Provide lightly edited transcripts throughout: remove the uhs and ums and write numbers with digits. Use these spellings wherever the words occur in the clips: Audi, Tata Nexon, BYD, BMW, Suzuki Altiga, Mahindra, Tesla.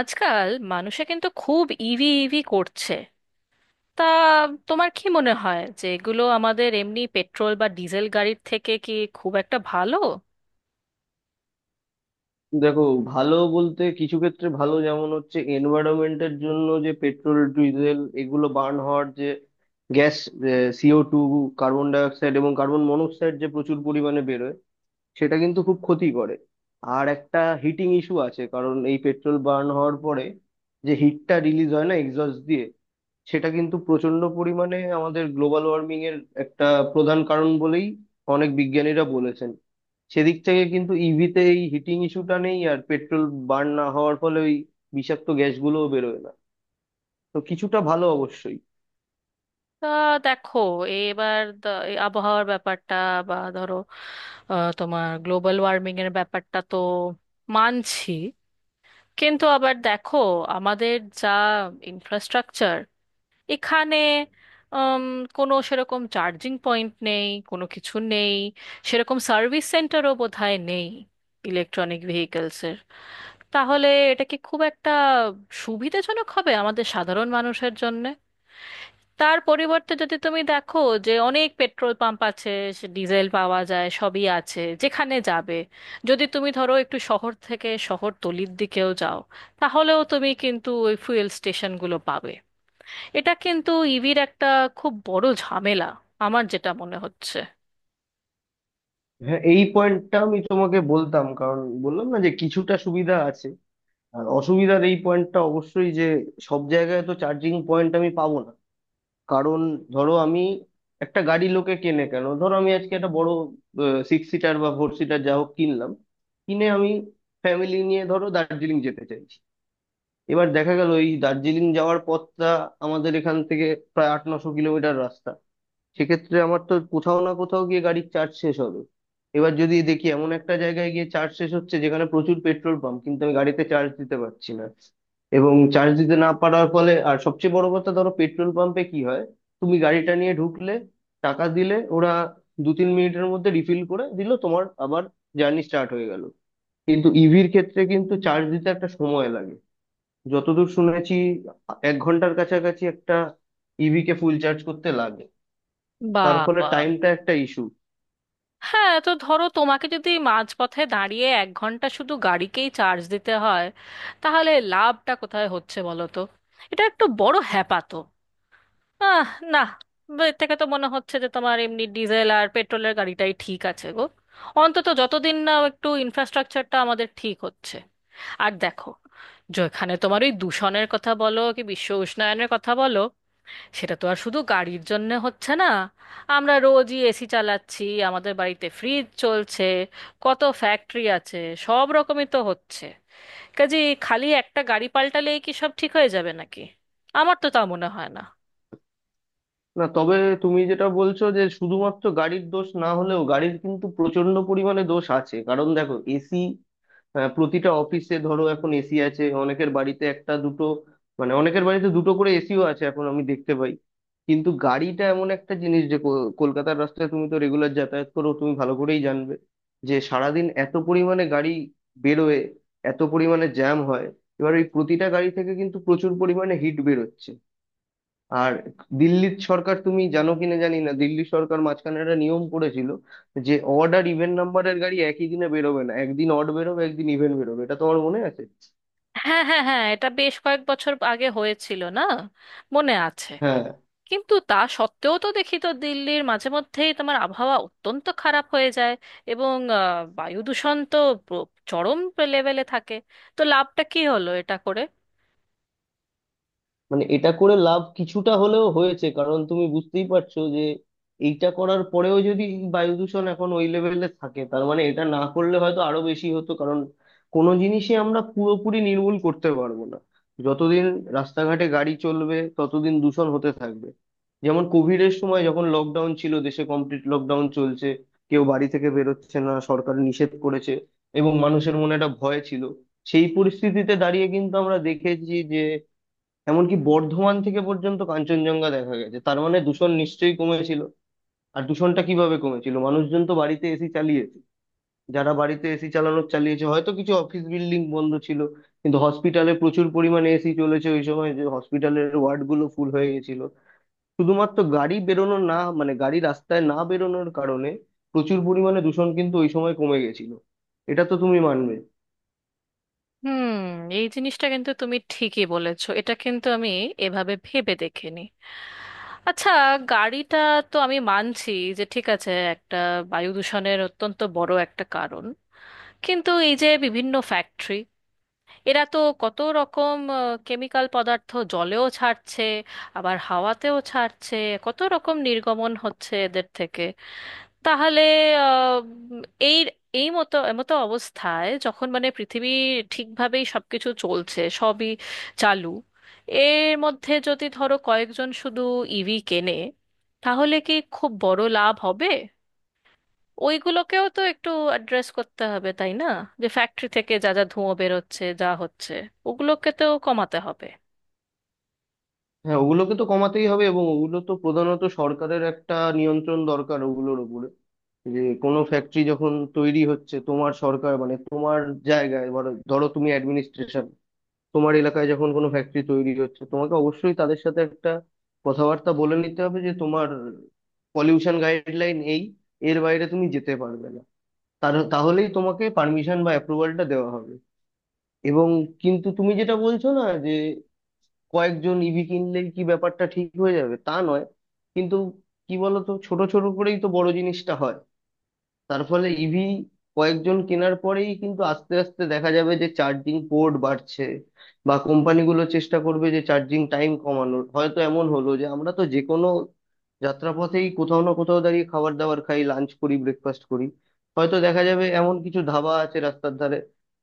আজকাল মানুষে কিন্তু খুব ইভি ইভি করছে। তা তোমার কি মনে হয় যে এগুলো আমাদের এমনি পেট্রোল বা ডিজেল গাড়ির থেকে কি খুব একটা ভালো? দেখো, ভালো বলতে কিছু ক্ষেত্রে ভালো। যেমন হচ্ছে এনভায়রনমেন্টের জন্য, যে পেট্রোল ডিজেল এগুলো বার্ন হওয়ার যে গ্যাস, CO2, কার্বন ডাইঅক্সাইড এবং কার্বন মনোক্সাইড যে প্রচুর পরিমাণে বেরোয়, সেটা কিন্তু খুব ক্ষতি করে। আর একটা হিটিং ইস্যু আছে, কারণ এই পেট্রোল বার্ন হওয়ার পরে যে হিটটা রিলিজ হয় না এক্সস্ট দিয়ে, সেটা কিন্তু প্রচন্ড পরিমাণে আমাদের গ্লোবাল ওয়ার্মিং এর একটা প্রধান কারণ বলেই অনেক বিজ্ঞানীরা বলেছেন। সেদিক থেকে কিন্তু ইভিতে এই হিটিং ইস্যুটা নেই, আর পেট্রোল বার্ন না হওয়ার ফলে ওই বিষাক্ত গ্যাসগুলোও বেরোয় না। তো কিছুটা ভালো অবশ্যই। তা দেখো, এবার এই আবহাওয়ার ব্যাপারটা, বা ধরো তোমার গ্লোবাল ওয়ার্মিং এর ব্যাপারটা তো মানছি, কিন্তু আবার দেখো আমাদের যা ইনফ্রাস্ট্রাকচার এখানে, উম, কোনো সেরকম চার্জিং পয়েন্ট নেই, কোনো কিছু নেই। সেরকম সার্ভিস সেন্টারও বোধহয় নেই ইলেকট্রনিক ভেহিকেলসের। তাহলে এটা কি খুব একটা সুবিধাজনক হবে আমাদের সাধারণ মানুষের জন্য? তার পরিবর্তে যদি তুমি দেখো, যে অনেক পেট্রোল পাম্প আছে, সে ডিজেল পাওয়া যায়, সবই আছে যেখানে যাবে। যদি তুমি ধরো একটু শহর থেকে শহরতলির দিকেও যাও, তাহলেও তুমি কিন্তু ওই ফুয়েল স্টেশনগুলো পাবে। এটা কিন্তু ইভির একটা খুব বড় ঝামেলা আমার যেটা মনে হচ্ছে। হ্যাঁ, এই পয়েন্টটা আমি তোমাকে বলতাম, কারণ বললাম না যে কিছুটা সুবিধা আছে। আর অসুবিধার এই পয়েন্টটা অবশ্যই, যে সব জায়গায় তো চার্জিং পয়েন্ট আমি পাবো না। কারণ ধরো, আমি একটা গাড়ি, লোকে কেনে কেন, ধরো আমি আজকে একটা বড় সিক্স সিটার বা ফোর সিটার যা হোক কিনলাম। কিনে আমি ফ্যামিলি নিয়ে ধরো দার্জিলিং যেতে চাই। এবার দেখা গেল এই দার্জিলিং যাওয়ার পথটা আমাদের এখান থেকে প্রায় 800-900 কিলোমিটার রাস্তা। সেক্ষেত্রে আমার তো কোথাও না কোথাও গিয়ে গাড়ির চার্জ শেষ হবে। এবার যদি দেখি এমন একটা জায়গায় গিয়ে চার্জ শেষ হচ্ছে, যেখানে প্রচুর পেট্রোল পাম্প, কিন্তু আমি গাড়িতে চার্জ দিতে পারছি না। এবং চার্জ দিতে না পারার ফলে, আর সবচেয়ে বড় কথা, ধরো পেট্রোল পাম্পে কি হয়, তুমি গাড়িটা নিয়ে ঢুকলে, টাকা দিলে, ওরা 2-3 মিনিটের মধ্যে রিফিল করে দিল, তোমার আবার জার্নি স্টার্ট হয়ে গেল। কিন্তু ইভির ক্ষেত্রে কিন্তু চার্জ দিতে একটা সময় লাগে। যতদূর শুনেছি, 1 ঘন্টার কাছাকাছি একটা ইভি কে ফুল চার্জ করতে লাগে। তার ফলে বাবা! টাইমটা একটা ইস্যু। হ্যাঁ, তো ধরো তোমাকে যদি মাঝপথে দাঁড়িয়ে 1 ঘন্টা শুধু গাড়িকেই চার্জ দিতে হয়, তাহলে লাভটা কোথায় হচ্ছে বলো তো? এটা একটু বড় হ্যাপা তো। আহ না, এর থেকে তো মনে হচ্ছে যে তোমার এমনি ডিজেল আর পেট্রোলের গাড়িটাই ঠিক আছে গো, অন্তত যতদিন না একটু ইনফ্রাস্ট্রাকচারটা আমাদের ঠিক হচ্ছে। আর দেখো, যেখানে তোমার ওই দূষণের কথা বলো কি বিশ্ব উষ্ণায়নের কথা বলো, সেটা তো আর শুধু গাড়ির জন্য হচ্ছে না। আমরা রোজই এসি চালাচ্ছি, আমাদের বাড়িতে ফ্রিজ চলছে, কত ফ্যাক্টরি আছে, সব রকমই তো হচ্ছে কাজে। খালি একটা গাড়ি পাল্টালেই কি সব ঠিক হয়ে যাবে নাকি? আমার তো তা মনে হয় না। না, তবে তুমি যেটা বলছো যে শুধুমাত্র গাড়ির দোষ না, হলেও গাড়ির কিন্তু প্রচন্ড পরিমাণে দোষ আছে। কারণ দেখো, এসি প্রতিটা অফিসে ধরো এখন এসি আছে, অনেকের বাড়িতে একটা দুটো, মানে অনেকের বাড়িতে দুটো করে এসিও আছে এখন আমি দেখতে পাই। কিন্তু গাড়িটা এমন একটা জিনিস, যে কলকাতার রাস্তায় তুমি তো রেগুলার যাতায়াত করো, তুমি ভালো করেই জানবে যে সারাদিন এত পরিমাণে গাড়ি বেরোয়, এত পরিমাণে জ্যাম হয়। এবার এই প্রতিটা গাড়ি থেকে কিন্তু প্রচুর পরিমাণে হিট বেরোচ্ছে। আর দিল্লির সরকার, তুমি জানো কিনা জানি না, দিল্লি সরকার মাঝখানে একটা নিয়ম করেছিল যে অড আর ইভেন নাম্বারের গাড়ি একই দিনে বেরোবে না, একদিন অড বেরোবে একদিন ইভেন বেরোবে, এটা তোমার মনে আছে। হ্যাঁ হ্যাঁ হ্যাঁ, এটা বেশ কয়েক বছর আগে হয়েছিল না? মনে আছে। কিন্তু তা সত্ত্বেও তো দেখি তো দিল্লির মাঝে মধ্যেই তোমার আবহাওয়া অত্যন্ত খারাপ হয়ে যায়, এবং বায়ু দূষণ তো চরম লেভেলে থাকে। তো লাভটা কি হলো এটা করে? মানে এটা করে লাভ কিছুটা হলেও হয়েছে, কারণ তুমি বুঝতেই পারছো যে এইটা করার পরেও যদি বায়ু দূষণ এখন ওই লেভেলে থাকে, তার মানে এটা না করলে হয়তো আরো বেশি হতো। কারণ কোনো জিনিসই আমরা পুরোপুরি নির্মূল করতে পারবো না। যতদিন রাস্তাঘাটে গাড়ি চলবে, ততদিন দূষণ হতে থাকবে। যেমন কোভিড এর সময় যখন লকডাউন ছিল, দেশে কমপ্লিট লকডাউন চলছে, কেউ বাড়ি থেকে বেরোচ্ছে না, সরকার নিষেধ করেছে, এবং মানুষের মনে একটা ভয় ছিল, সেই পরিস্থিতিতে দাঁড়িয়ে কিন্তু আমরা দেখেছি, এমনকি বর্ধমান থেকে পর্যন্ত কাঞ্চনজঙ্ঘা দেখা গেছে। তার মানে দূষণ নিশ্চয়ই কমেছিল। আর দূষণটা কিভাবে কমেছিল, মানুষজন তো বাড়িতে এসি চালিয়েছে, যারা বাড়িতে এসি চালিয়েছে, হয়তো কিছু অফিস বিল্ডিং বন্ধ ছিল, কিন্তু হসপিটালে প্রচুর পরিমাণে এসি চলেছে ওই সময়, যে হসপিটালের ওয়ার্ড গুলো ফুল হয়ে গেছিল। শুধুমাত্র গাড়ি বেরোনো না, মানে গাড়ি রাস্তায় না বেরোনোর কারণে প্রচুর পরিমাণে দূষণ কিন্তু ওই সময় কমে গেছিল। এটা তো তুমি মানবে। হুম, এই জিনিসটা কিন্তু তুমি ঠিকই বলেছো, এটা কিন্তু আমি এভাবে ভেবে দেখিনি। আচ্ছা, গাড়িটা তো আমি মানছি যে ঠিক আছে, একটা বায়ু দূষণের অত্যন্ত বড় একটা কারণ। কিন্তু এই যে বিভিন্ন ফ্যাক্টরি, এরা তো কত রকম কেমিক্যাল পদার্থ জলেও ছাড়ছে, আবার হাওয়াতেও ছাড়ছে, কত রকম নির্গমন হচ্ছে এদের থেকে। তাহলে আহ, এই এই মতো মতো অবস্থায় যখন মানে পৃথিবী ঠিকভাবেই সবকিছু চলছে, সবই চালু, এর মধ্যে যদি ধরো কয়েকজন শুধু ইভি কেনে, তাহলে কি খুব বড় লাভ হবে? ওইগুলোকেও তো একটু অ্যাড্রেস করতে হবে তাই না? যে ফ্যাক্টরি থেকে যা যা ধুঁয়ো বেরোচ্ছে, যা হচ্ছে, ওগুলোকে তো কমাতে হবে। হ্যাঁ, ওগুলোকে তো কমাতেই হবে, এবং ওগুলো তো প্রধানত সরকারের একটা নিয়ন্ত্রণ দরকার ওগুলোর উপরে। যে কোনো ফ্যাক্টরি যখন তৈরি হচ্ছে, তোমার সরকার, মানে তোমার জায়গায় ধরো ধরো তুমি অ্যাডমিনিস্ট্রেশন, তোমার এলাকায় যখন কোনো ফ্যাক্টরি তৈরি হচ্ছে, তোমাকে অবশ্যই তাদের সাথে একটা কথাবার্তা বলে নিতে হবে যে তোমার পলিউশন গাইডলাইন, এই এর বাইরে তুমি যেতে পারবে না, তার তাহলেই তোমাকে পারমিশন বা অ্যাপ্রুভালটা দেওয়া হবে। এবং কিন্তু তুমি যেটা বলছো না, যে কয়েকজন ইভি কিনলেই কি ব্যাপারটা ঠিক হয়ে যাবে, তা নয়। কিন্তু কি বলতো, ছোট ছোট করেই তো বড় জিনিসটা হয়। তার ফলে ইভি কয়েকজন কেনার পরেই কিন্তু আস্তে আস্তে দেখা যাবে যে চার্জিং পোর্ট বাড়ছে, বা কোম্পানিগুলো চেষ্টা করবে যে চার্জিং টাইম কমানোর। হয়তো এমন হলো যে আমরা তো যে কোনো যাত্রাপথেই কোথাও না কোথাও দাঁড়িয়ে খাবার দাবার খাই, লাঞ্চ করি, ব্রেকফাস্ট করি, হয়তো দেখা যাবে এমন কিছু ধাবা আছে রাস্তার ধারে,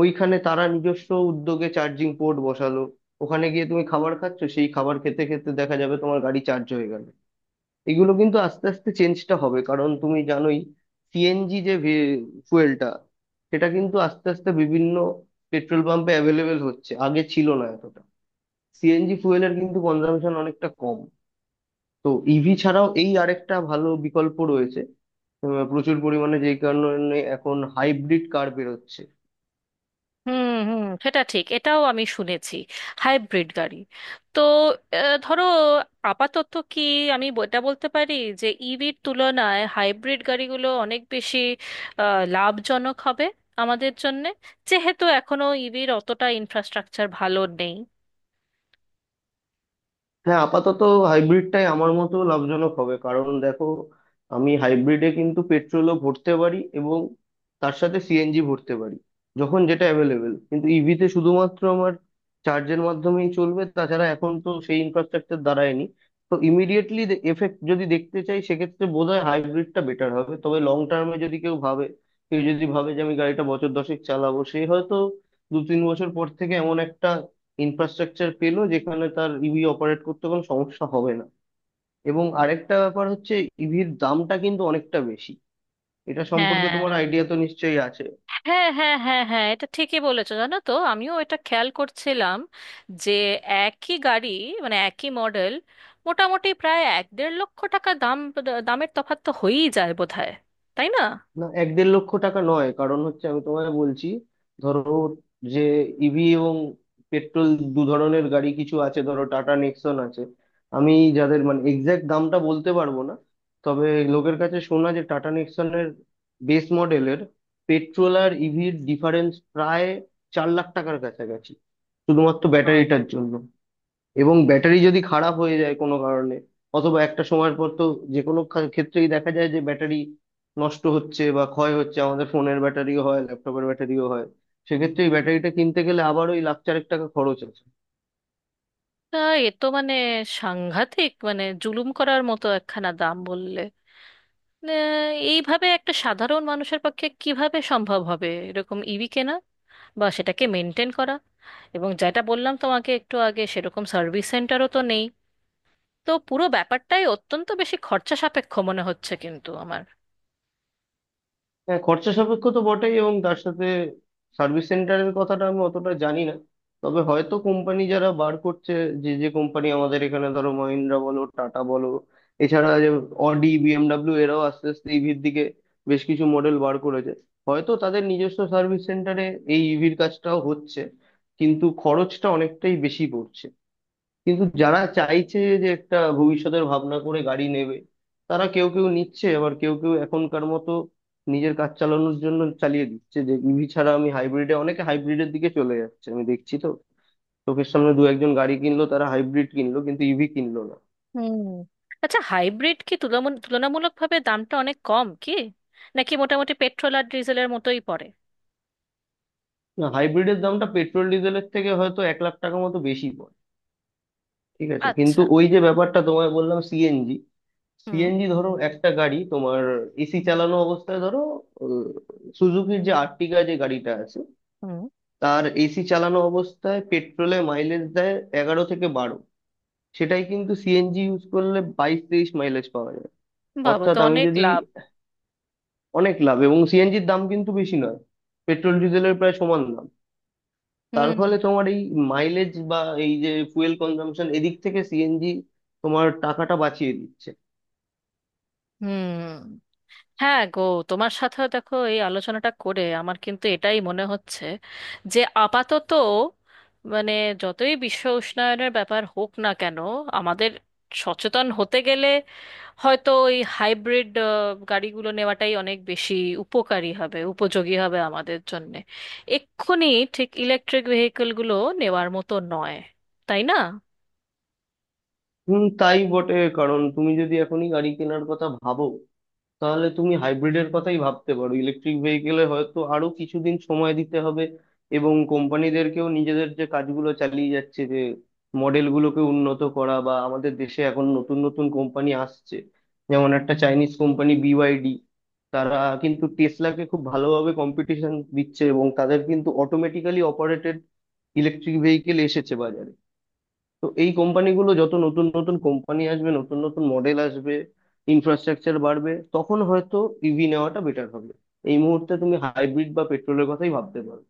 ওইখানে তারা নিজস্ব উদ্যোগে চার্জিং পোর্ট বসালো, ওখানে গিয়ে তুমি খাবার খাচ্ছ, সেই খাবার খেতে খেতে দেখা যাবে তোমার গাড়ি চার্জ হয়ে গেল। এগুলো কিন্তু আস্তে আস্তে চেঞ্জটা হবে। কারণ তুমি জানোই, CNG যে ফুয়েলটা, সেটা কিন্তু আস্তে আস্তে বিভিন্ন পেট্রোল পাম্পে অ্যাভেলেবেল হচ্ছে, আগে ছিল না এতটা। CNG ফুয়েলের কিন্তু কনজাম্পশন অনেকটা কম। তো ইভি ছাড়াও এই আরেকটা ভালো বিকল্প রয়েছে। প্রচুর পরিমাণে যেই কারণে এখন হাইব্রিড কার বেরোচ্ছে। হুম হুম, সেটা ঠিক, এটাও আমি শুনেছি, হাইব্রিড গাড়ি। তো ধরো আপাতত কি আমি এটা বলতে পারি যে ইভির তুলনায় হাইব্রিড গাড়িগুলো অনেক বেশি লাভজনক হবে আমাদের জন্যে, যেহেতু এখনো ইভির অতটা ইনফ্রাস্ট্রাকচার ভালো নেই। হ্যাঁ, আপাতত হাইব্রিডটাই আমার মতো লাভজনক হবে। কারণ দেখো, আমি হাইব্রিডে কিন্তু পেট্রোলও ভরতে পারি, এবং তার সাথে CNG ভরতে পারি যখন যেটা অ্যাভেলেবেল। কিন্তু ইভিতে শুধুমাত্র আমার চার্জের মাধ্যমেই চলবে, তাছাড়া এখন তো সেই ইনফ্রাস্ট্রাকচার দাঁড়ায়নি। তো ইমিডিয়েটলি এফেক্ট যদি দেখতে চাই, সেক্ষেত্রে বোধহয় হাইব্রিডটা বেটার হবে। তবে লং টার্মে যদি কেউ ভাবে, কেউ যদি ভাবে যে আমি গাড়িটা বছর 10-এক চালাবো, সে হয়তো 2-3 বছর পর থেকে এমন একটা ইনফ্রাস্ট্রাকচার পেলো, যেখানে তার ইভি অপারেট করতে কোনো সমস্যা হবে না। এবং আরেকটা ব্যাপার হচ্ছে, ইভির দামটা কিন্তু অনেকটা বেশি, এটা সম্পর্কে তোমার হ্যাঁ আইডিয়া তো নিশ্চয়ই আছে। হ্যাঁ হ্যাঁ হ্যাঁ হ্যাঁ, এটা ঠিকই বলেছো, জানো তো আমিও এটা খেয়াল করছিলাম যে একই গাড়ি, মানে একই মডেল, মোটামুটি প্রায় এক দেড় লক্ষ টাকা দাম, দামের তফাৎ তো হয়েই যায় বোধহয়, তাই না? না, 1-1.5 লক্ষ টাকা নয়। কারণ হচ্ছে, আমি তোমায় বলছি, ধরো যে ইভি এবং পেট্রোল দু ধরনের গাড়ি কিছু আছে, ধরো টাটা নেক্সন আছে, আমি যাদের মানে এক্স্যাক্ট দামটা বলতে পারবো না, তবে লোকের কাছে শোনা, যে টাটা নেক্সনের বেস মডেলের পেট্রোল আর ইভির ডিফারেন্স প্রায় 4 লাখ টাকার কাছাকাছি, শুধুমাত্র আহ, ব্যাটারিটার জন্য। এবং ব্যাটারি যদি খারাপ হয়ে যায় কোনো কারণে, অথবা একটা সময়ের পর তো যে কোনো ক্ষেত্রেই দেখা যায় যে ব্যাটারি নষ্ট হচ্ছে বা ক্ষয় হচ্ছে, আমাদের ফোনের ব্যাটারিও হয়, ল্যাপটপের ব্যাটারিও হয়। সেক্ষেত্রে এই ব্যাটারিটা কিনতে গেলে আবার ওই 4 লাখ মতো টাকা খরচ আছে। তা এ তো মানে সাংঘাতিক, মানে জুলুম করার মতো একখানা দাম বললে। না, এইভাবে একটা সাধারণ মানুষের পক্ষে কিভাবে সম্ভব হবে এরকম ইভি কেনা বা সেটাকে মেনটেন করা? এবং যেটা বললাম তোমাকে একটু আগে, সেরকম সার্ভিস সেন্টারও তো নেই। তো পুরো ব্যাপারটাই অত্যন্ত বেশি খরচা সাপেক্ষ মনে হচ্ছে কিন্তু আমার। হ্যাঁ, খরচা সাপেক্ষ তো বটেই, এবং তার সাথে সার্ভিস সেন্টারের কথাটা আমি অতটা জানি না। তবে হয়তো কোম্পানি যারা বার করছে, যে যে কোম্পানি আমাদের এখানে, ধরো মহিন্দ্রা বলো, টাটা বলো, এছাড়া যে অডি, BMW, এরাও আস্তে আস্তে ইভির দিকে বেশ কিছু মডেল বার করেছে, হয়তো তাদের নিজস্ব সার্ভিস সেন্টারে এই ইভির কাজটাও হচ্ছে, কিন্তু খরচটা অনেকটাই বেশি পড়ছে। কিন্তু যারা চাইছে যে একটা ভবিষ্যতের ভাবনা করে গাড়ি নেবে, তারা কেউ কেউ নিচ্ছে, আবার কেউ কেউ এখনকার মতো নিজের কাজ চালানোর জন্য চালিয়ে দিচ্ছে, যে ইভি ছাড়া আমি হাইব্রিডে, অনেকে হাইব্রিডের দিকে চলে যাচ্ছে, আমি দেখছি তো চোখের সামনে 1-2 জন গাড়ি কিনলো, তারা হাইব্রিড কিনলো কিন্তু ইভি কিনলো না। হুম। আচ্ছা হাইব্রিড কি তুলনামূলকভাবে দামটা অনেক কম, কি নাকি মোটামুটি পেট্রোল আর ডিজেলের মতোই পড়ে? না, হাইব্রিডের দামটা পেট্রোল ডিজেলের থেকে হয়তো 1 লাখ টাকা মতো বেশি পড়ে, ঠিক আছে। কিন্তু আচ্ছা। ওই যে ব্যাপারটা তোমায় বললাম, CNG। হুম CNG ধরো একটা গাড়ি তোমার, এসি চালানো অবস্থায় ধরো, সুজুকির যে আর্টিগা যে গাড়িটা আছে, হুম। তার এসি চালানো অবস্থায় পেট্রোলে মাইলেজ দেয় 11 থেকে 12। সেটাই কিন্তু CNG ইউজ করলে 22-23 মাইলেজ পাওয়া যায়। বাবা, অর্থাৎ তো আমি অনেক যদি, লাভ। অনেক লাভ, এবং CNG-র দাম কিন্তু বেশি নয়, পেট্রোল ডিজেলের প্রায় সমান দাম। তার হুম ফলে তোমার এই মাইলেজ বা এই যে ফুয়েল কনজাম্পশন, এদিক থেকে CNG তোমার টাকাটা বাঁচিয়ে দিচ্ছে। হুম, হ্যাঁ গো, তোমার সাথে দেখো এই আলোচনাটা করে আমার কিন্তু এটাই মনে হচ্ছে যে আপাতত, মানে যতই বিশ্ব উষ্ণায়নের ব্যাপার হোক না কেন, আমাদের সচেতন হতে গেলে হয়তো ওই হাইব্রিড গাড়িগুলো নেওয়াটাই অনেক বেশি উপকারী হবে, উপযোগী হবে আমাদের জন্যে এক্ষুনি। ঠিক ইলেকট্রিক ভেহিকলগুলো নেওয়ার মতো নয়, তাই না? হুম, তাই বটে। কারণ তুমি যদি এখনই গাড়ি কেনার কথা ভাবো, তাহলে তুমি হাইব্রিডের কথাই ভাবতে পারো, ইলেকট্রিক ভেহিকেলে হয়তো আরো কিছুদিন সময় দিতে হবে। এবং কোম্পানিদেরকেও নিজেদের যে কাজগুলো চালিয়ে যাচ্ছে, যে মডেলগুলোকে উন্নত করা, বা আমাদের দেশে এখন নতুন নতুন কোম্পানি আসছে, যেমন একটা চাইনিজ কোম্পানি BYD, তারা কিন্তু টেসলাকে খুব ভালোভাবে কম্পিটিশন দিচ্ছে, এবং তাদের কিন্তু অটোমেটিক্যালি অপারেটেড ইলেকট্রিক ভেহিকেল এসেছে বাজারে। তো এই কোম্পানিগুলো, যত নতুন নতুন কোম্পানি আসবে, নতুন নতুন মডেল আসবে, ইনফ্রাস্ট্রাকচার বাড়বে, তখন হয়তো ইভি নেওয়াটা বেটার হবে। এই মুহূর্তে তুমি হাইব্রিড বা পেট্রোলের কথাই ভাবতে পারো।